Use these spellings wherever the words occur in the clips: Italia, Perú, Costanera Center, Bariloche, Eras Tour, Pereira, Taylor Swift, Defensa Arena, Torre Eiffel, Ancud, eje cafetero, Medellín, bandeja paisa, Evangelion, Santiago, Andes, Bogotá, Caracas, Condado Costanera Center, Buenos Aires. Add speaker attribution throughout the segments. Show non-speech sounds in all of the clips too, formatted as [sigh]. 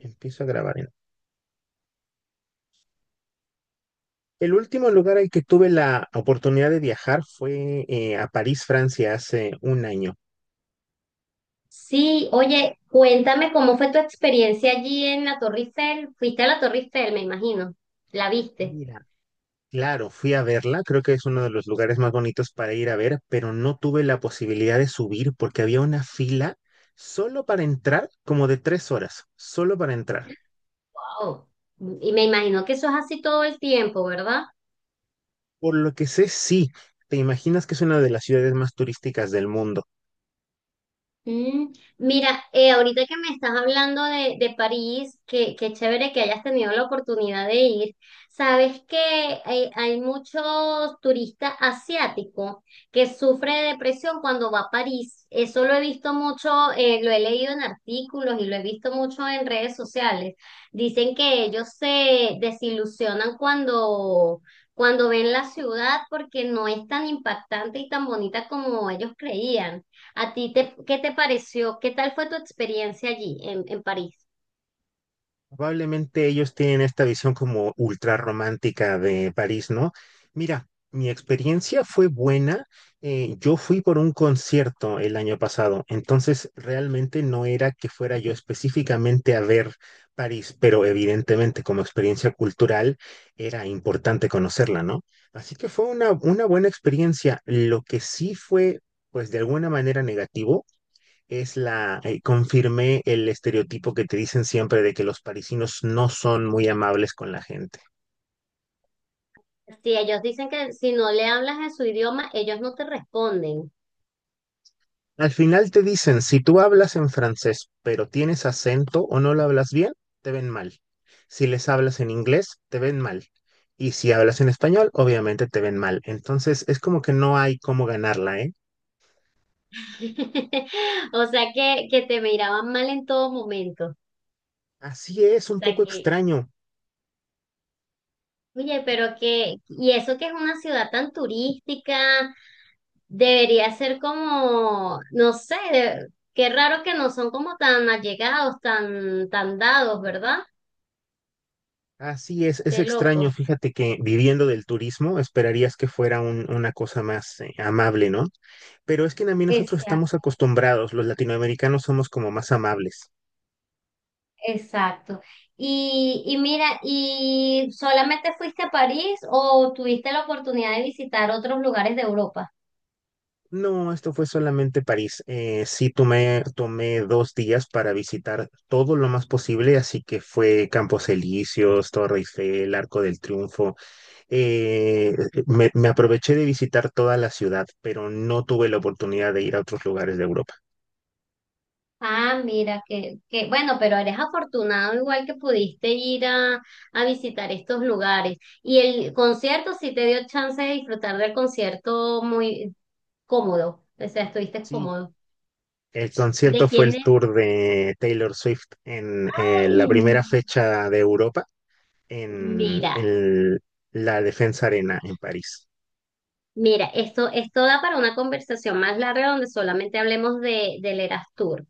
Speaker 1: Empiezo a grabar. El último lugar al que tuve la oportunidad de viajar fue a París, Francia, hace un año.
Speaker 2: Sí, oye, cuéntame cómo fue tu experiencia allí en la Torre Eiffel. Fuiste a la Torre Eiffel, me imagino. La viste.
Speaker 1: Mira. Claro, fui a verla, creo que es uno de los lugares más bonitos para ir a ver, pero no tuve la posibilidad de subir porque había una fila solo para entrar, como de tres horas, solo para entrar.
Speaker 2: Wow. Y me imagino que eso es así todo el tiempo, ¿verdad?
Speaker 1: Por lo que sé, sí, te imaginas que es una de las ciudades más turísticas del mundo.
Speaker 2: Mm, Mira, ahorita que me estás hablando de París, qué chévere que hayas tenido la oportunidad de ir. Sabes que hay muchos turistas asiáticos que sufren de depresión cuando va a París. Eso lo he visto mucho, lo he leído en artículos y lo he visto mucho en redes sociales. Dicen que ellos se desilusionan cuando ven la ciudad porque no es tan impactante y tan bonita como ellos creían. ¿A ti qué te pareció? ¿Qué tal fue tu experiencia allí en París?
Speaker 1: Probablemente ellos tienen esta visión como ultra romántica de París, ¿no? Mira, mi experiencia fue buena. Yo fui por un concierto el año pasado, entonces realmente no era que fuera yo específicamente a ver París, pero evidentemente como experiencia cultural era importante conocerla, ¿no? Así que fue una buena experiencia. Lo que sí fue, pues de alguna manera negativo es confirmé el estereotipo que te dicen siempre de que los parisinos no son muy amables con la gente.
Speaker 2: Si ellos dicen que si no le hablas en su idioma, ellos no te responden.
Speaker 1: Al final te dicen, si tú hablas en francés, pero tienes acento o no lo hablas bien, te ven mal. Si les hablas en inglés, te ven mal. Y si hablas en español, obviamente te ven mal. Entonces es como que no hay cómo ganarla, ¿eh?
Speaker 2: [laughs] O sea que te miraban mal en todo momento. O
Speaker 1: Así es, un
Speaker 2: sea
Speaker 1: poco
Speaker 2: que,
Speaker 1: extraño.
Speaker 2: oye, pero y eso que es una ciudad tan turística, debería ser como, no sé, qué raro que no son como tan allegados, tan, tan dados, ¿verdad?
Speaker 1: Así es
Speaker 2: Qué
Speaker 1: extraño.
Speaker 2: loco.
Speaker 1: Fíjate que viviendo del turismo, esperarías que fuera una cosa más amable, ¿no? Pero es que también nosotros estamos
Speaker 2: Exacto.
Speaker 1: acostumbrados, los latinoamericanos somos como más amables.
Speaker 2: Exacto. Y mira, ¿y solamente fuiste a París o tuviste la oportunidad de visitar otros lugares de Europa?
Speaker 1: No, esto fue solamente París. Sí tomé dos días para visitar todo lo más posible, así que fue Campos Elíseos, Torre Eiffel, Arco del Triunfo. Eh, me aproveché de visitar toda la ciudad, pero no tuve la oportunidad de ir a otros lugares de Europa.
Speaker 2: Ah, mira, que bueno, pero eres afortunado igual que pudiste ir a visitar estos lugares. Y el concierto sí te dio chance de disfrutar del concierto muy cómodo, o sea, estuviste
Speaker 1: Sí,
Speaker 2: cómodo.
Speaker 1: el concierto
Speaker 2: ¿De
Speaker 1: fue
Speaker 2: quién
Speaker 1: el
Speaker 2: es?
Speaker 1: tour de Taylor Swift en
Speaker 2: Ay,
Speaker 1: la primera fecha de Europa en
Speaker 2: Mira,
Speaker 1: la Defensa Arena en París.
Speaker 2: mira, esto da para una conversación más larga donde solamente hablemos del Eras Tour.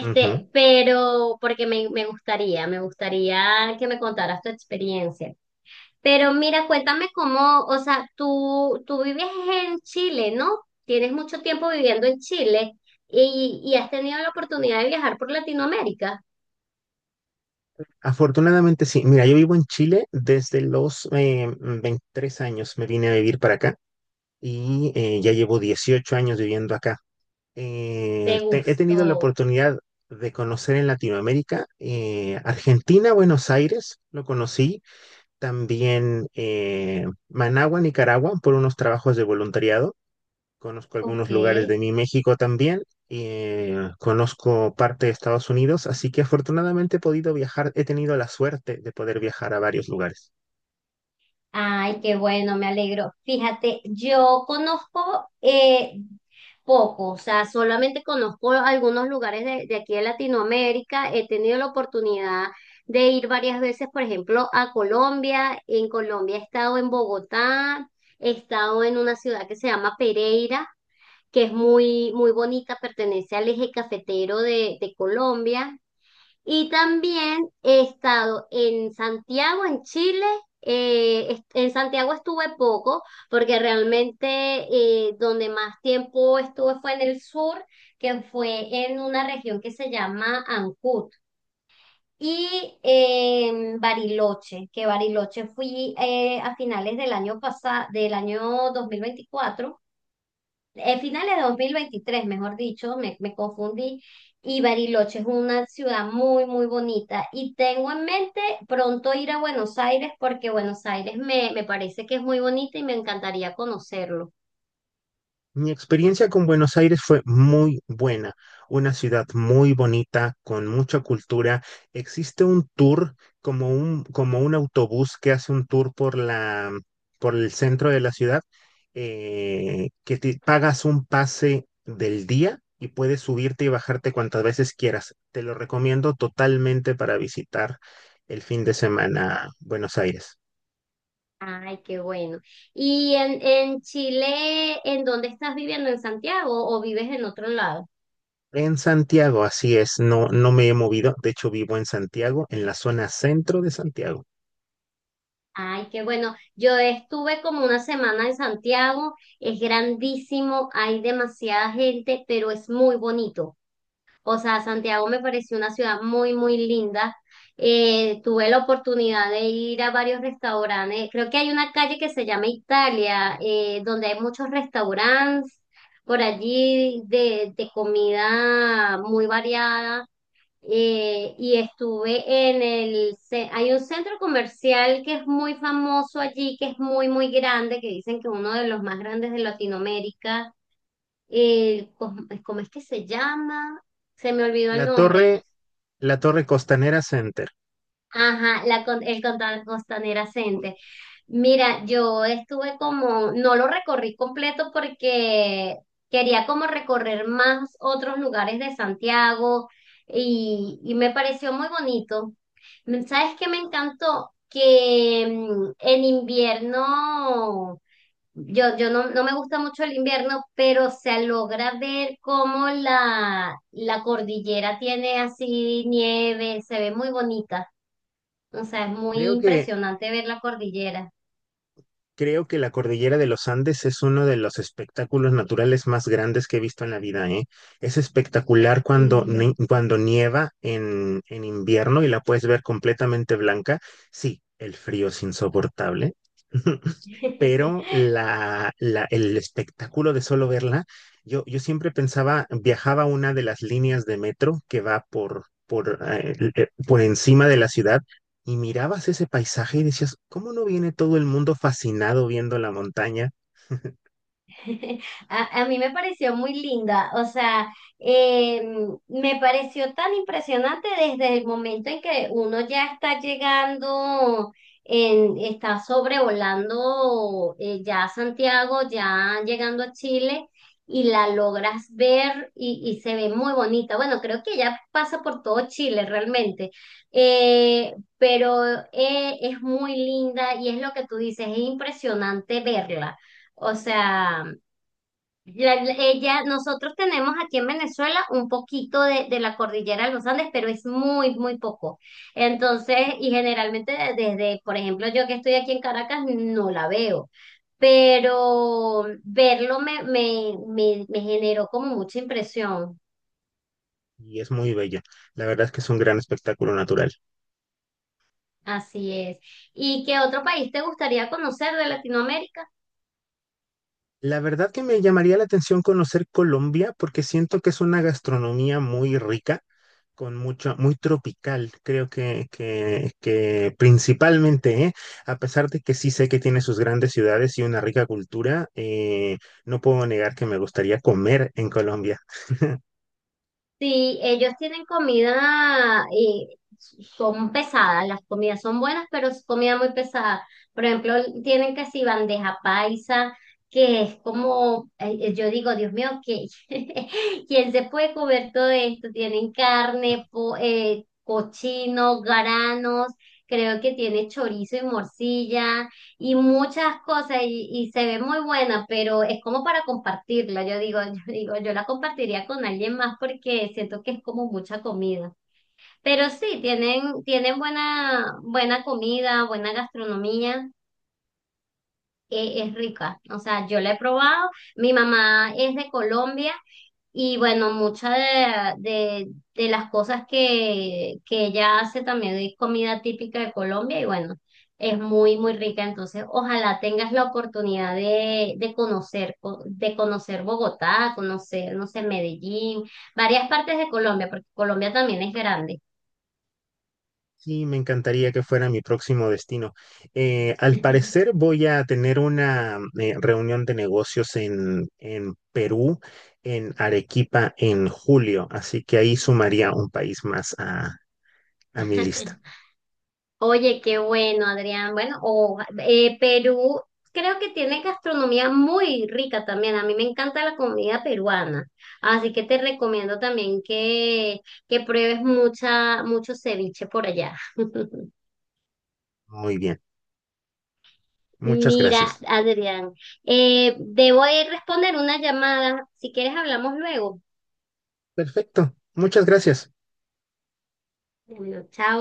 Speaker 1: Ujú.
Speaker 2: pero porque me gustaría que me contaras tu experiencia. Pero mira, cuéntame cómo, o sea, tú vives en Chile, ¿no? Tienes mucho tiempo viviendo en Chile y has tenido la oportunidad de viajar por Latinoamérica.
Speaker 1: Afortunadamente sí. Mira, yo vivo en Chile desde los 23 años. Me vine a vivir para acá y ya llevo 18 años viviendo acá.
Speaker 2: ¿Te
Speaker 1: He tenido la
Speaker 2: gustó?
Speaker 1: oportunidad de conocer en Latinoamérica, Argentina, Buenos Aires, lo conocí, también Managua, Nicaragua, por unos trabajos de voluntariado. Conozco
Speaker 2: Ok.
Speaker 1: algunos lugares de mi México también, conozco parte de Estados Unidos, así que afortunadamente he podido viajar, he tenido la suerte de poder viajar a varios lugares.
Speaker 2: Ay, qué bueno, me alegro. Fíjate, yo conozco poco, o sea, solamente conozco algunos lugares de aquí de Latinoamérica. He tenido la oportunidad de ir varias veces, por ejemplo, a Colombia. En Colombia he estado en Bogotá, he estado en una ciudad que se llama Pereira, que es muy, muy bonita, pertenece al eje cafetero de Colombia. Y también he estado en Santiago, en Chile. En Santiago estuve poco porque realmente donde más tiempo estuve fue en el sur, que fue en una región que se llama Ancud. Y en Bariloche, que Bariloche fui a finales del año pasado, del año 2024, finales de 2023, mejor dicho, me confundí, y Bariloche es una ciudad muy, muy bonita. Y tengo en mente pronto ir a Buenos Aires porque Buenos Aires me parece que es muy bonita y me encantaría conocerlo.
Speaker 1: Mi experiencia con Buenos Aires fue muy buena, una ciudad muy bonita, con mucha cultura. Existe un tour, como un autobús que hace un tour por por el centro de la ciudad, que te pagas un pase del día y puedes subirte y bajarte cuantas veces quieras. Te lo recomiendo totalmente para visitar el fin de semana Buenos Aires.
Speaker 2: Ay, qué bueno. ¿Y en Chile, en dónde estás viviendo? ¿En Santiago o vives en otro lado?
Speaker 1: En Santiago, así es, no, no me he movido, de hecho vivo en Santiago, en la zona centro de Santiago.
Speaker 2: Ay, qué bueno. Yo estuve como una semana en Santiago, es grandísimo, hay demasiada gente, pero es muy bonito. O sea, Santiago me pareció una ciudad muy, muy linda. Tuve la oportunidad de ir a varios restaurantes. Creo que hay una calle que se llama Italia, donde hay muchos restaurantes por allí de comida muy variada. Y estuve hay un centro comercial que es muy famoso allí, que es muy, muy grande, que dicen que uno de los más grandes de Latinoamérica. El, ¿cómo pues, cómo es que se llama? Se me olvidó el
Speaker 1: La
Speaker 2: nombre.
Speaker 1: torre, la torre Costanera Center.
Speaker 2: Ajá, el Condado Costanera Center. Mira, yo estuve como, no lo recorrí completo porque quería como recorrer más otros lugares de Santiago y me pareció muy bonito. ¿Sabes qué me encantó? Que en invierno, yo no, no me gusta mucho el invierno, pero se logra ver cómo la cordillera tiene así nieve, se ve muy bonita. O sea, es muy
Speaker 1: Creo que,
Speaker 2: impresionante ver la cordillera.
Speaker 1: creo que la cordillera de los Andes es uno de los espectáculos naturales más grandes que he visto en la vida, ¿eh? Es espectacular cuando, ni-
Speaker 2: Sí.
Speaker 1: cuando nieva en invierno y la puedes ver completamente blanca. Sí, el frío es insoportable. [laughs] Pero
Speaker 2: [laughs]
Speaker 1: el espectáculo de solo verla, yo siempre pensaba, viajaba a una de las líneas de metro que va por encima de la ciudad y mirabas ese paisaje y decías, ¿cómo no viene todo el mundo fascinado viendo la montaña?
Speaker 2: [laughs] A mí me pareció muy linda, o sea, eh, me pareció tan impresionante desde el momento en que uno ya está llegando, está sobrevolando ya Santiago, ya llegando a Chile y la logras ver y se ve muy bonita. Bueno, creo que ya pasa por todo Chile realmente, pero es muy linda y es lo que tú dices, es impresionante verla. O sea, ella, nosotros tenemos aquí en Venezuela un poquito de la cordillera de los Andes, pero es muy, muy poco. Entonces, y generalmente desde, por ejemplo, yo que estoy aquí en Caracas, no la veo, pero verlo me generó como mucha impresión.
Speaker 1: Y es muy bello. La verdad es que es un gran espectáculo natural.
Speaker 2: Así es. ¿Y qué otro país te gustaría conocer de Latinoamérica?
Speaker 1: La verdad que me llamaría la atención conocer Colombia porque siento que es una gastronomía muy rica, con mucho, muy tropical, creo que principalmente, ¿eh? A pesar de que sí sé que tiene sus grandes ciudades y una rica cultura, no puedo negar que me gustaría comer en Colombia.
Speaker 2: Sí, ellos tienen comida y son pesadas, las comidas son buenas, pero es comida muy pesada. Por ejemplo, tienen casi bandeja paisa, que es como, yo digo, Dios mío, que [laughs] ¿quién se puede comer todo esto? Tienen carne, cochino, garanos, creo que tiene chorizo y morcilla, y muchas cosas y se ve muy buena, pero es como para compartirla. Yo digo, [laughs] yo digo, yo la compartiría con alguien más porque siento que es como mucha comida. Pero sí, tienen buena, buena comida, buena gastronomía, es rica. O sea, yo la he probado. Mi mamá es de Colombia y bueno, muchas de las cosas que ella hace también es comida típica de Colombia y bueno, es muy, muy rica. Entonces, ojalá tengas la oportunidad de conocer Bogotá, conocer, no sé, Medellín, varias partes de Colombia, porque Colombia también es grande.
Speaker 1: Sí, me encantaría que fuera mi próximo destino. Al parecer voy a tener una reunión de negocios en Perú, en Arequipa, en julio, así que ahí sumaría un país más a mi lista.
Speaker 2: [laughs] Oye, qué bueno, Adrián. Bueno, o Perú creo que tiene gastronomía muy rica también. A mí me encanta la comida peruana. Así que te recomiendo también que pruebes mucho ceviche por allá. [laughs]
Speaker 1: Muy bien, muchas
Speaker 2: Mira,
Speaker 1: gracias.
Speaker 2: Adrián, debo ir a responder una llamada. Si quieres, hablamos luego.
Speaker 1: Perfecto, muchas gracias.
Speaker 2: Bueno, chao.